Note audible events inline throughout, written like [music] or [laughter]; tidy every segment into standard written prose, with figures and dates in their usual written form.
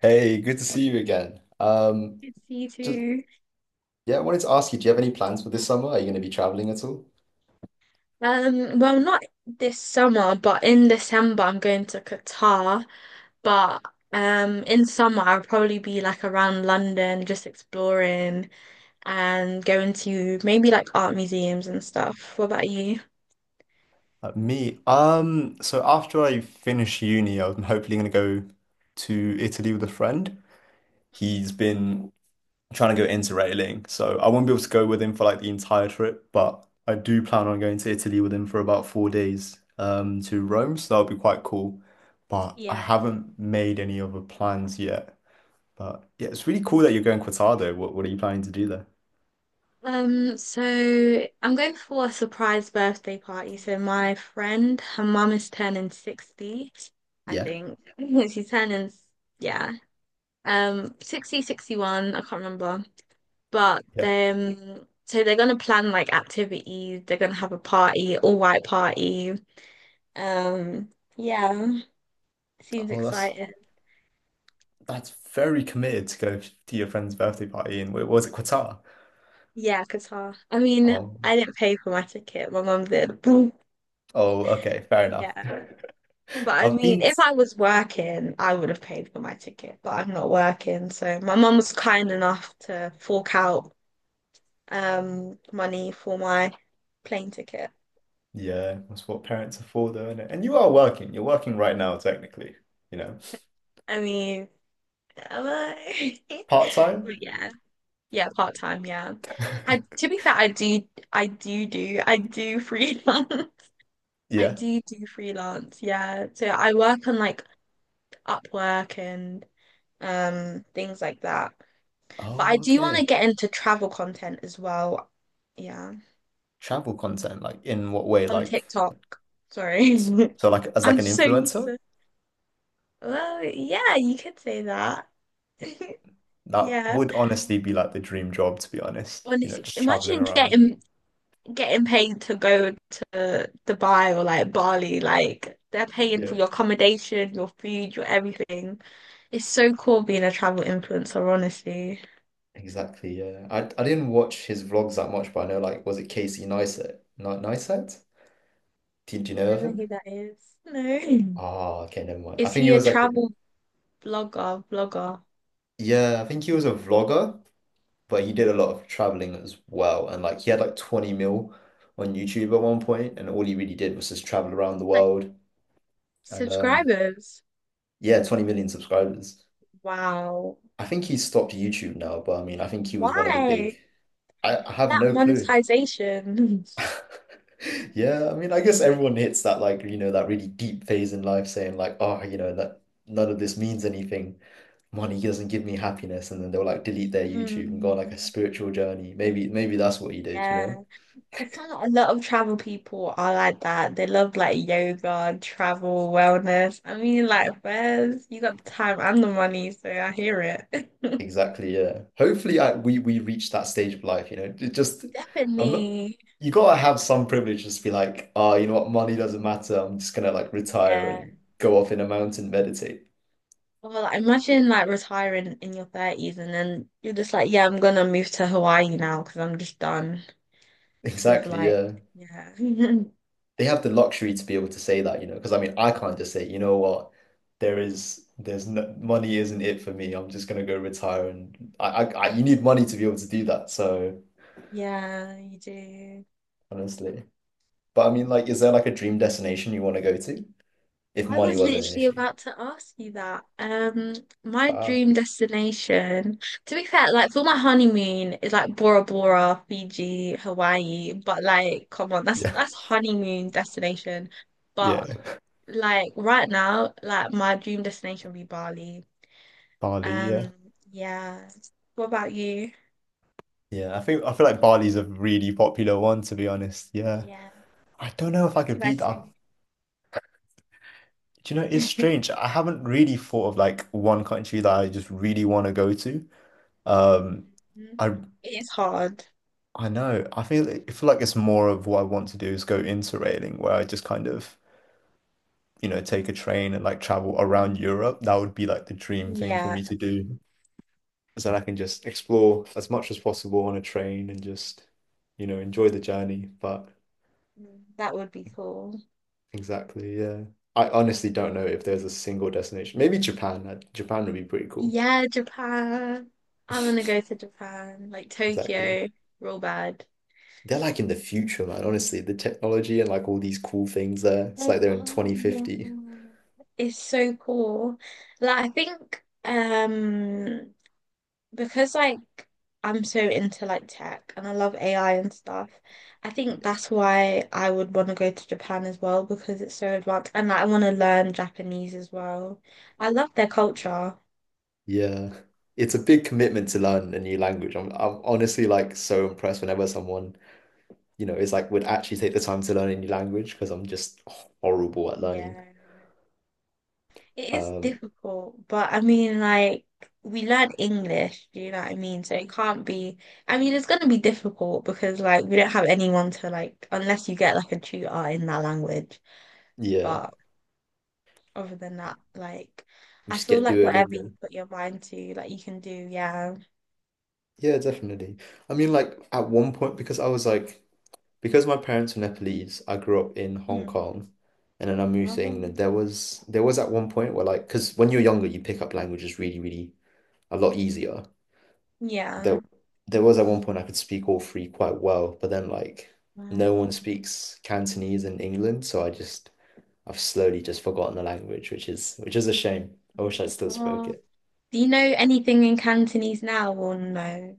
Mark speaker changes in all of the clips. Speaker 1: Hey, good to see you again.
Speaker 2: It's you
Speaker 1: Just
Speaker 2: too.
Speaker 1: yeah, I wanted to ask you, do you have any plans for this summer? Are you going to be traveling at all?
Speaker 2: Well, not this summer, but in December I'm going to Qatar. But In summer I'll probably be like around London, just exploring and going to maybe like art museums and stuff. What about you?
Speaker 1: So after I finish uni, I'm hopefully gonna go to Italy with a friend. He's been trying to go interrailing, so I won't be able to go with him for like the entire trip, but I do plan on going to Italy with him for about 4 days to Rome, so that'll be quite cool. But I
Speaker 2: Yeah.
Speaker 1: haven't made any other plans yet. But yeah, it's really cool that you're going Cortado. What are you planning to do there?
Speaker 2: So I'm going for a surprise birthday party. So my friend, her mum is turning 60, I
Speaker 1: Yeah.
Speaker 2: think. [laughs] She's turning, yeah, 60, 61. I can't remember, but
Speaker 1: Yeah.
Speaker 2: then so they're gonna plan like activities. They're gonna have a party, all white party. Um, yeah, seems
Speaker 1: Oh, that's
Speaker 2: exciting.
Speaker 1: that's very committed to go to your friend's birthday party in, where was it, Qatar?
Speaker 2: Yeah, Qatar. I mean,
Speaker 1: Oh,
Speaker 2: I didn't pay for my ticket, my mum did.
Speaker 1: oh, okay, fair
Speaker 2: [laughs]
Speaker 1: enough.
Speaker 2: Yeah, but
Speaker 1: [laughs]
Speaker 2: I
Speaker 1: I've
Speaker 2: mean,
Speaker 1: been.
Speaker 2: if I was working I would have paid for my ticket, but I'm not working, so my mum was kind enough to fork out money for my plane ticket.
Speaker 1: Yeah, that's what parents are for, though, isn't it? And you are working. You're working right now, technically, you know,
Speaker 2: I mean, am I? [laughs]
Speaker 1: part time.
Speaker 2: But yeah, yeah, part time. Yeah, I
Speaker 1: [laughs]
Speaker 2: to be fair, I do, I do freelance. [laughs] I
Speaker 1: Yeah.
Speaker 2: do do freelance. Yeah, so I work on like Upwork and things like that. But I
Speaker 1: Oh,
Speaker 2: do want
Speaker 1: okay.
Speaker 2: to get into travel content as well. Yeah,
Speaker 1: Travel content, like in what way?
Speaker 2: on TikTok. Sorry,
Speaker 1: So like
Speaker 2: [laughs]
Speaker 1: as like
Speaker 2: I'm
Speaker 1: an
Speaker 2: so used
Speaker 1: influencer,
Speaker 2: to. Well, yeah, you could say that. [laughs]
Speaker 1: that
Speaker 2: Yeah.
Speaker 1: would honestly be like the dream job, to be honest. You know,
Speaker 2: Honestly,
Speaker 1: just traveling
Speaker 2: imagine
Speaker 1: around.
Speaker 2: getting paid to go to Dubai or like Bali, like they're paying
Speaker 1: Yeah,
Speaker 2: for your accommodation, your food, your everything. It's so cool being a travel influencer, honestly.
Speaker 1: exactly. Yeah, I didn't watch his vlogs that much, but I know like was it Casey Neistat? Not Neistat? Did you know
Speaker 2: I
Speaker 1: of
Speaker 2: don't know who
Speaker 1: him?
Speaker 2: that is. No.
Speaker 1: Oh, okay, never mind. I
Speaker 2: Is
Speaker 1: think he
Speaker 2: he a
Speaker 1: was like, a-
Speaker 2: travel blogger, vlogger?
Speaker 1: Yeah, I think he was a vlogger. But he did a lot of traveling as well. And like he had like 20 mil on YouTube at one point, and all he really did was just travel around the
Speaker 2: Like
Speaker 1: world. And
Speaker 2: subscribers.
Speaker 1: yeah, 20 million subscribers.
Speaker 2: Wow.
Speaker 1: I think he stopped YouTube now, but I mean, I think he was one of the
Speaker 2: Why?
Speaker 1: big. I have
Speaker 2: That
Speaker 1: no clue.
Speaker 2: monetization.
Speaker 1: [laughs]
Speaker 2: [laughs]
Speaker 1: Yeah, I mean, I guess everyone hits that like, you know, that really deep phase in life saying like, oh, you know, that none of this means anything. Money doesn't give me happiness. And then they'll like delete their YouTube and go on like a
Speaker 2: Mm,
Speaker 1: spiritual journey. Maybe that's what he did, you
Speaker 2: yeah.
Speaker 1: know?
Speaker 2: I find that a lot of travel people are like that. They love like yoga, travel, wellness. I mean, like, where's you got the time and the money, so I hear it. [laughs]
Speaker 1: Exactly, yeah. Hopefully, I, we reach that stage of life, you know. It just, I'm not,
Speaker 2: Definitely.
Speaker 1: You gotta have some privilege, just to be like, oh, you know what, money doesn't matter. I'm just gonna like retire
Speaker 2: Yeah.
Speaker 1: and go off in a mountain, meditate. [laughs]
Speaker 2: Well, like, imagine like retiring in your 30s and then you're just like, yeah, I'm gonna move to Hawaii now because I'm just done with
Speaker 1: Exactly,
Speaker 2: like,
Speaker 1: yeah.
Speaker 2: yeah. [laughs]
Speaker 1: They have the luxury to be able to say that, you know, because I mean, I can't just say, you know what, there's no money isn't it for me. I'm just gonna go retire, and I you need money to be able to do that.
Speaker 2: Yeah, you do.
Speaker 1: Honestly, but I
Speaker 2: You
Speaker 1: mean,
Speaker 2: do.
Speaker 1: like, is there like a dream destination you want to go to if
Speaker 2: I
Speaker 1: money
Speaker 2: was
Speaker 1: wasn't an
Speaker 2: literally
Speaker 1: issue?
Speaker 2: about to ask you that. My
Speaker 1: Wow.
Speaker 2: dream destination, to be fair, like for my honeymoon is like Bora Bora, Fiji, Hawaii, but like come on, that's
Speaker 1: Yeah,
Speaker 2: that's honeymoon destination. But
Speaker 1: yeah.
Speaker 2: like right now, like my dream destination would be Bali.
Speaker 1: Bali, yeah.
Speaker 2: Um, yeah. What about you?
Speaker 1: Yeah, I think I feel like Bali's a really popular one to be honest. Yeah.
Speaker 2: Yeah.
Speaker 1: I don't know if I
Speaker 2: What
Speaker 1: could
Speaker 2: can I
Speaker 1: beat that.
Speaker 2: say?
Speaker 1: Do you know, it's
Speaker 2: [laughs]
Speaker 1: strange. I haven't really thought of like one country that I just really want to go to. Um I
Speaker 2: It is hard.
Speaker 1: I know. I feel like it's more of what I want to do is go interrailing where I just kind of, you know, take a train and like travel around
Speaker 2: Mm,
Speaker 1: Europe. That would be like the dream thing for
Speaker 2: yeah,
Speaker 1: me to do. So that I can just explore as much as possible on a train and just, you know, enjoy the journey. But
Speaker 2: mm, that would be cool.
Speaker 1: exactly, yeah. I honestly don't know if there's a single destination. Maybe Japan. Japan would be pretty cool.
Speaker 2: Yeah, Japan. I want to go to Japan, like
Speaker 1: Exactly.
Speaker 2: Tokyo, real bad.
Speaker 1: They're like in the future, man. Honestly, the technology and like all these cool things there. It's
Speaker 2: They
Speaker 1: like they're in
Speaker 2: are, yeah.
Speaker 1: 2050.
Speaker 2: It's so cool. Like, I think because like I'm so into like tech and I love AI and stuff, I think that's why I would want to go to Japan as well because it's so advanced and like, I want to learn Japanese as well. I love their culture.
Speaker 1: Yeah. It's a big commitment to learn a new language. I'm honestly like so impressed whenever someone, you know, is like would actually take the time to learn a new language because I'm just horrible at learning.
Speaker 2: Yeah. It is
Speaker 1: Um,
Speaker 2: difficult, but I mean, like, we learn English, do you know what I mean? So it can't be, I mean, it's going to be difficult because, like, we don't have anyone to, like, unless you get, like, a tutor in that language.
Speaker 1: yeah.
Speaker 2: But other than that, like, I
Speaker 1: Just
Speaker 2: feel
Speaker 1: get
Speaker 2: like whatever you
Speaker 1: Duolingo.
Speaker 2: put your mind to, like, you can do, yeah.
Speaker 1: Yeah, definitely. I mean, like at one point, because I was like, because my parents were Nepalese, I grew up in Hong
Speaker 2: Mm.
Speaker 1: Kong, and then I moved to England.
Speaker 2: Um,
Speaker 1: There was at one point where like, because when you're younger, you pick up languages really, really a lot easier. There
Speaker 2: yeah.
Speaker 1: there was at one point I could speak all three quite well, but then like no one
Speaker 2: Um,
Speaker 1: speaks Cantonese in England, so I've slowly just forgotten the language, which is a shame. I wish I still spoke
Speaker 2: oh.
Speaker 1: it.
Speaker 2: Do you know anything in Cantonese now or no?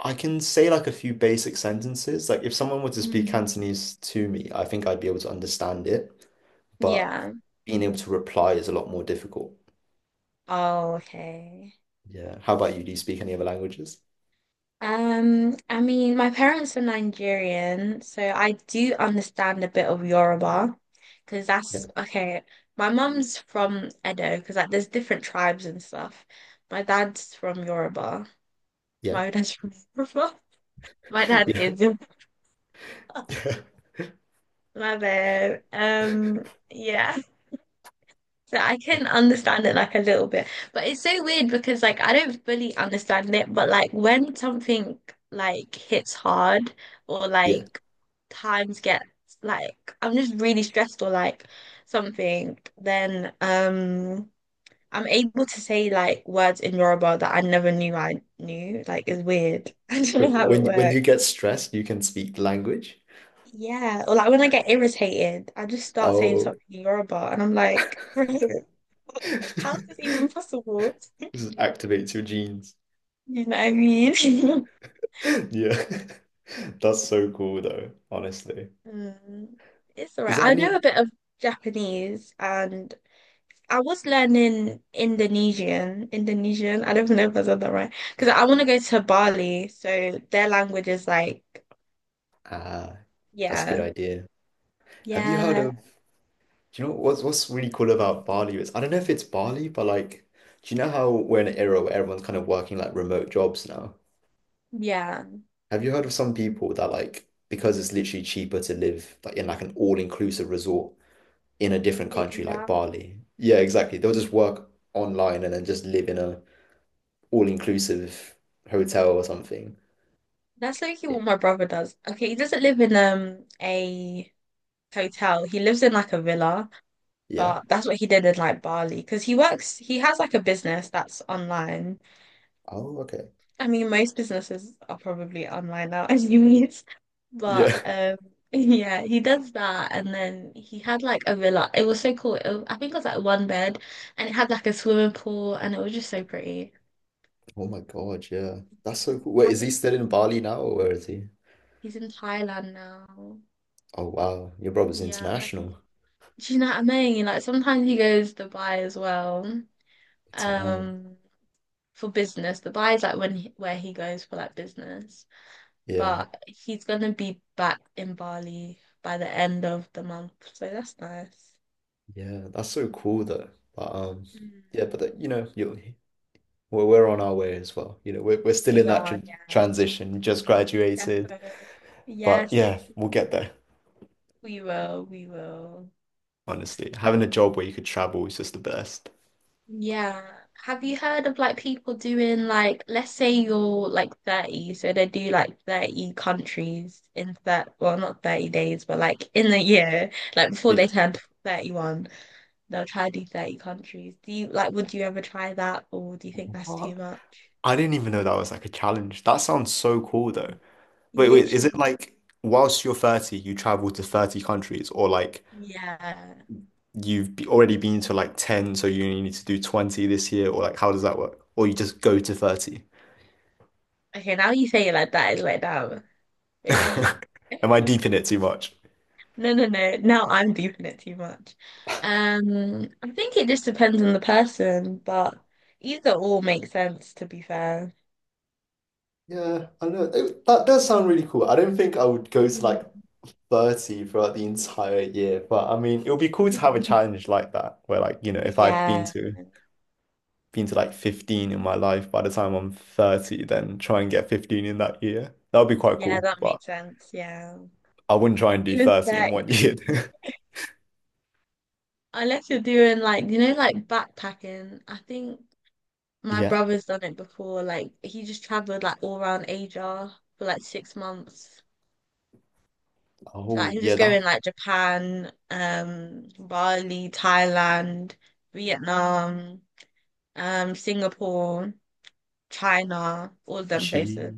Speaker 1: I can say like a few basic sentences. Like if someone were to speak
Speaker 2: Mm.
Speaker 1: Cantonese to me, I think I'd be able to understand it, but
Speaker 2: Yeah.
Speaker 1: being able to reply is a lot more difficult.
Speaker 2: Oh, okay.
Speaker 1: Yeah. How about you? Do you speak any other languages?
Speaker 2: I mean, my parents are Nigerian, so I do understand a bit of Yoruba because
Speaker 1: Yeah.
Speaker 2: that's okay. My mum's from Edo because like there's different tribes and stuff. My dad's from Yoruba.
Speaker 1: Yeah.
Speaker 2: My [laughs] dad's from Yoruba. [laughs] My
Speaker 1: [laughs]
Speaker 2: dad
Speaker 1: Yeah.
Speaker 2: is Yoruba.
Speaker 1: Yeah.
Speaker 2: [laughs] My bad. Yeah. So I can
Speaker 1: Okay.
Speaker 2: understand it like a little bit, but it's so weird because like I don't fully understand it, but like when something like hits hard or
Speaker 1: Yeah.
Speaker 2: like times get like I'm just really stressed or like something, then I'm able to say like words in Yoruba that I never knew I knew. Like it's weird. [laughs] I don't know how it
Speaker 1: When you
Speaker 2: works.
Speaker 1: get stressed, you can speak the language.
Speaker 2: Yeah, or like when I get irritated, I just start saying
Speaker 1: Oh.
Speaker 2: something in Yoruba and I'm like, [laughs] how is this even
Speaker 1: [laughs]
Speaker 2: possible?
Speaker 1: This activates your genes.
Speaker 2: You know what I mean? [laughs]
Speaker 1: [laughs] Yeah. [laughs] That's so cool though, honestly.
Speaker 2: Mm, it's all
Speaker 1: Is
Speaker 2: right.
Speaker 1: there
Speaker 2: I
Speaker 1: any?
Speaker 2: know a bit of Japanese and I was learning Indonesian. Indonesian. I don't know if I said that right. Because I want to go to Bali. So their language is like,
Speaker 1: Ah, that's a good
Speaker 2: yeah,
Speaker 1: idea. Have you heard
Speaker 2: yeah,
Speaker 1: of Do you know what's really cool about Bali is I don't know if it's Bali, but like, do you know how we're in an era where everyone's kind of working like remote jobs now?
Speaker 2: yeah.
Speaker 1: Have you heard of some people that like because it's literally cheaper to live like in like an all-inclusive resort in a different
Speaker 2: They do
Speaker 1: country like
Speaker 2: that.
Speaker 1: Bali? Yeah, exactly. They'll just work online and then just live in a all-inclusive hotel or something.
Speaker 2: That's literally
Speaker 1: Y-
Speaker 2: what my brother does. Okay, he doesn't live in a hotel. He lives in like a villa,
Speaker 1: Yeah.
Speaker 2: but that's what he did in like Bali because he works. He has like a business that's online.
Speaker 1: Oh, okay.
Speaker 2: I mean, most businesses are probably online now, [laughs] as you mean. But
Speaker 1: Yeah. [laughs]
Speaker 2: [laughs] yeah, he does that, and then he had like a villa. It was so cool. It was- I think it was like one bed, and it had like a swimming pool, and it was just so pretty.
Speaker 1: Oh my God, yeah. That's so cool.
Speaker 2: I
Speaker 1: Wait, is he
Speaker 2: haven't-
Speaker 1: still in Bali now or where is he?
Speaker 2: He's in Thailand now.
Speaker 1: Oh wow, your brother's
Speaker 2: Yeah, but
Speaker 1: international.
Speaker 2: do you know what I mean? Like sometimes he goes to Dubai as well,
Speaker 1: Damn.
Speaker 2: um, for business. Dubai is like when he, where he goes for like business.
Speaker 1: Yeah,
Speaker 2: But he's gonna be back in Bali by the end of the month, so that's nice.
Speaker 1: yeah. That's so cool though. But
Speaker 2: Mm.
Speaker 1: yeah, but that, you know, you we're on our way as well. You know, we're still in
Speaker 2: We
Speaker 1: that tr
Speaker 2: are, yeah,
Speaker 1: transition. We just graduated,
Speaker 2: defo.
Speaker 1: but
Speaker 2: Yes,
Speaker 1: yeah,
Speaker 2: literally,
Speaker 1: we'll get there.
Speaker 2: we will, we will.
Speaker 1: Honestly,
Speaker 2: And-
Speaker 1: having a job where you could travel is just the best.
Speaker 2: Yeah. Have you heard of like people doing like, let's say you're like 30, so they do like 30 countries in that, well, not 30 days, but like in the year, like before
Speaker 1: Yeah.
Speaker 2: they turn 31, they'll try to do 30 countries. Do you like, would you ever try that, or do you think that's too
Speaker 1: What?
Speaker 2: much?
Speaker 1: I didn't even know that was like a challenge. That sounds so cool though. Is it
Speaker 2: Literally.
Speaker 1: like whilst you're 30, you travel to 30 countries or like
Speaker 2: Yeah.
Speaker 1: already been to like 10, so you only need to do 20 this year or like how does that work? Or you just go to 30?
Speaker 2: Okay, now you say it like that, it's like that. Maybe
Speaker 1: [laughs] Am I deep in it too much?
Speaker 2: no, no, no. Now I'm deeping it too much. I think it just depends on the person, but either or makes sense, to be fair.
Speaker 1: Yeah, I know. It- that does sound really cool. I don't think I would go to like
Speaker 2: Mm.
Speaker 1: 30 throughout the entire year, but I mean, it would be cool to have a
Speaker 2: [laughs]
Speaker 1: challenge like that where like, you know, if I've
Speaker 2: Yeah.
Speaker 1: been to like 15 in my life by the time I'm 30, then try and get 15 in that year. That would be quite
Speaker 2: Yeah,
Speaker 1: cool,
Speaker 2: that
Speaker 1: but
Speaker 2: makes sense. Yeah.
Speaker 1: I wouldn't try and do
Speaker 2: It was
Speaker 1: 30 in
Speaker 2: 30.
Speaker 1: one year. [laughs]
Speaker 2: Unless you're doing like, you know, like backpacking, I think my
Speaker 1: Yeah.
Speaker 2: brother's done it before. Like he just traveled like all around Asia for like 6 months. Like
Speaker 1: Oh,
Speaker 2: he'll
Speaker 1: yeah,
Speaker 2: just go
Speaker 1: that
Speaker 2: in like Japan, Bali, Thailand, Vietnam, Singapore, China, all of them
Speaker 1: she.
Speaker 2: places.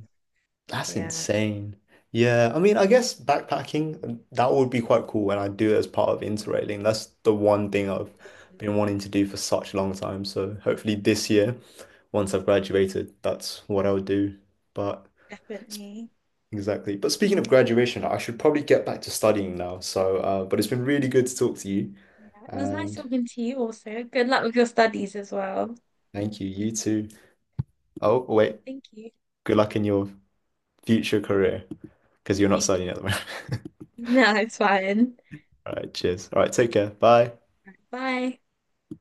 Speaker 1: That's
Speaker 2: Yeah,
Speaker 1: insane. Yeah, I mean, I guess backpacking, that would be quite cool when I do it as part of Interrailing. That's the one thing I've
Speaker 2: um,
Speaker 1: been wanting to do for such a long time. So hopefully this year, once I've graduated, that's what I would do. But s-
Speaker 2: definitely.
Speaker 1: exactly. But speaking of graduation, I should probably get back to studying now. So, but it's been really good to talk to you,
Speaker 2: Yeah, it was nice
Speaker 1: and
Speaker 2: talking to you also. Good luck with your studies as well.
Speaker 1: thank you. You too. Oh, wait.
Speaker 2: Thank you.
Speaker 1: Good luck in your future career because you're not
Speaker 2: Thank you.
Speaker 1: studying
Speaker 2: [laughs]
Speaker 1: at the moment.
Speaker 2: No, it's fine.
Speaker 1: [laughs] All right. Cheers. All right. Take care. Bye.
Speaker 2: Bye.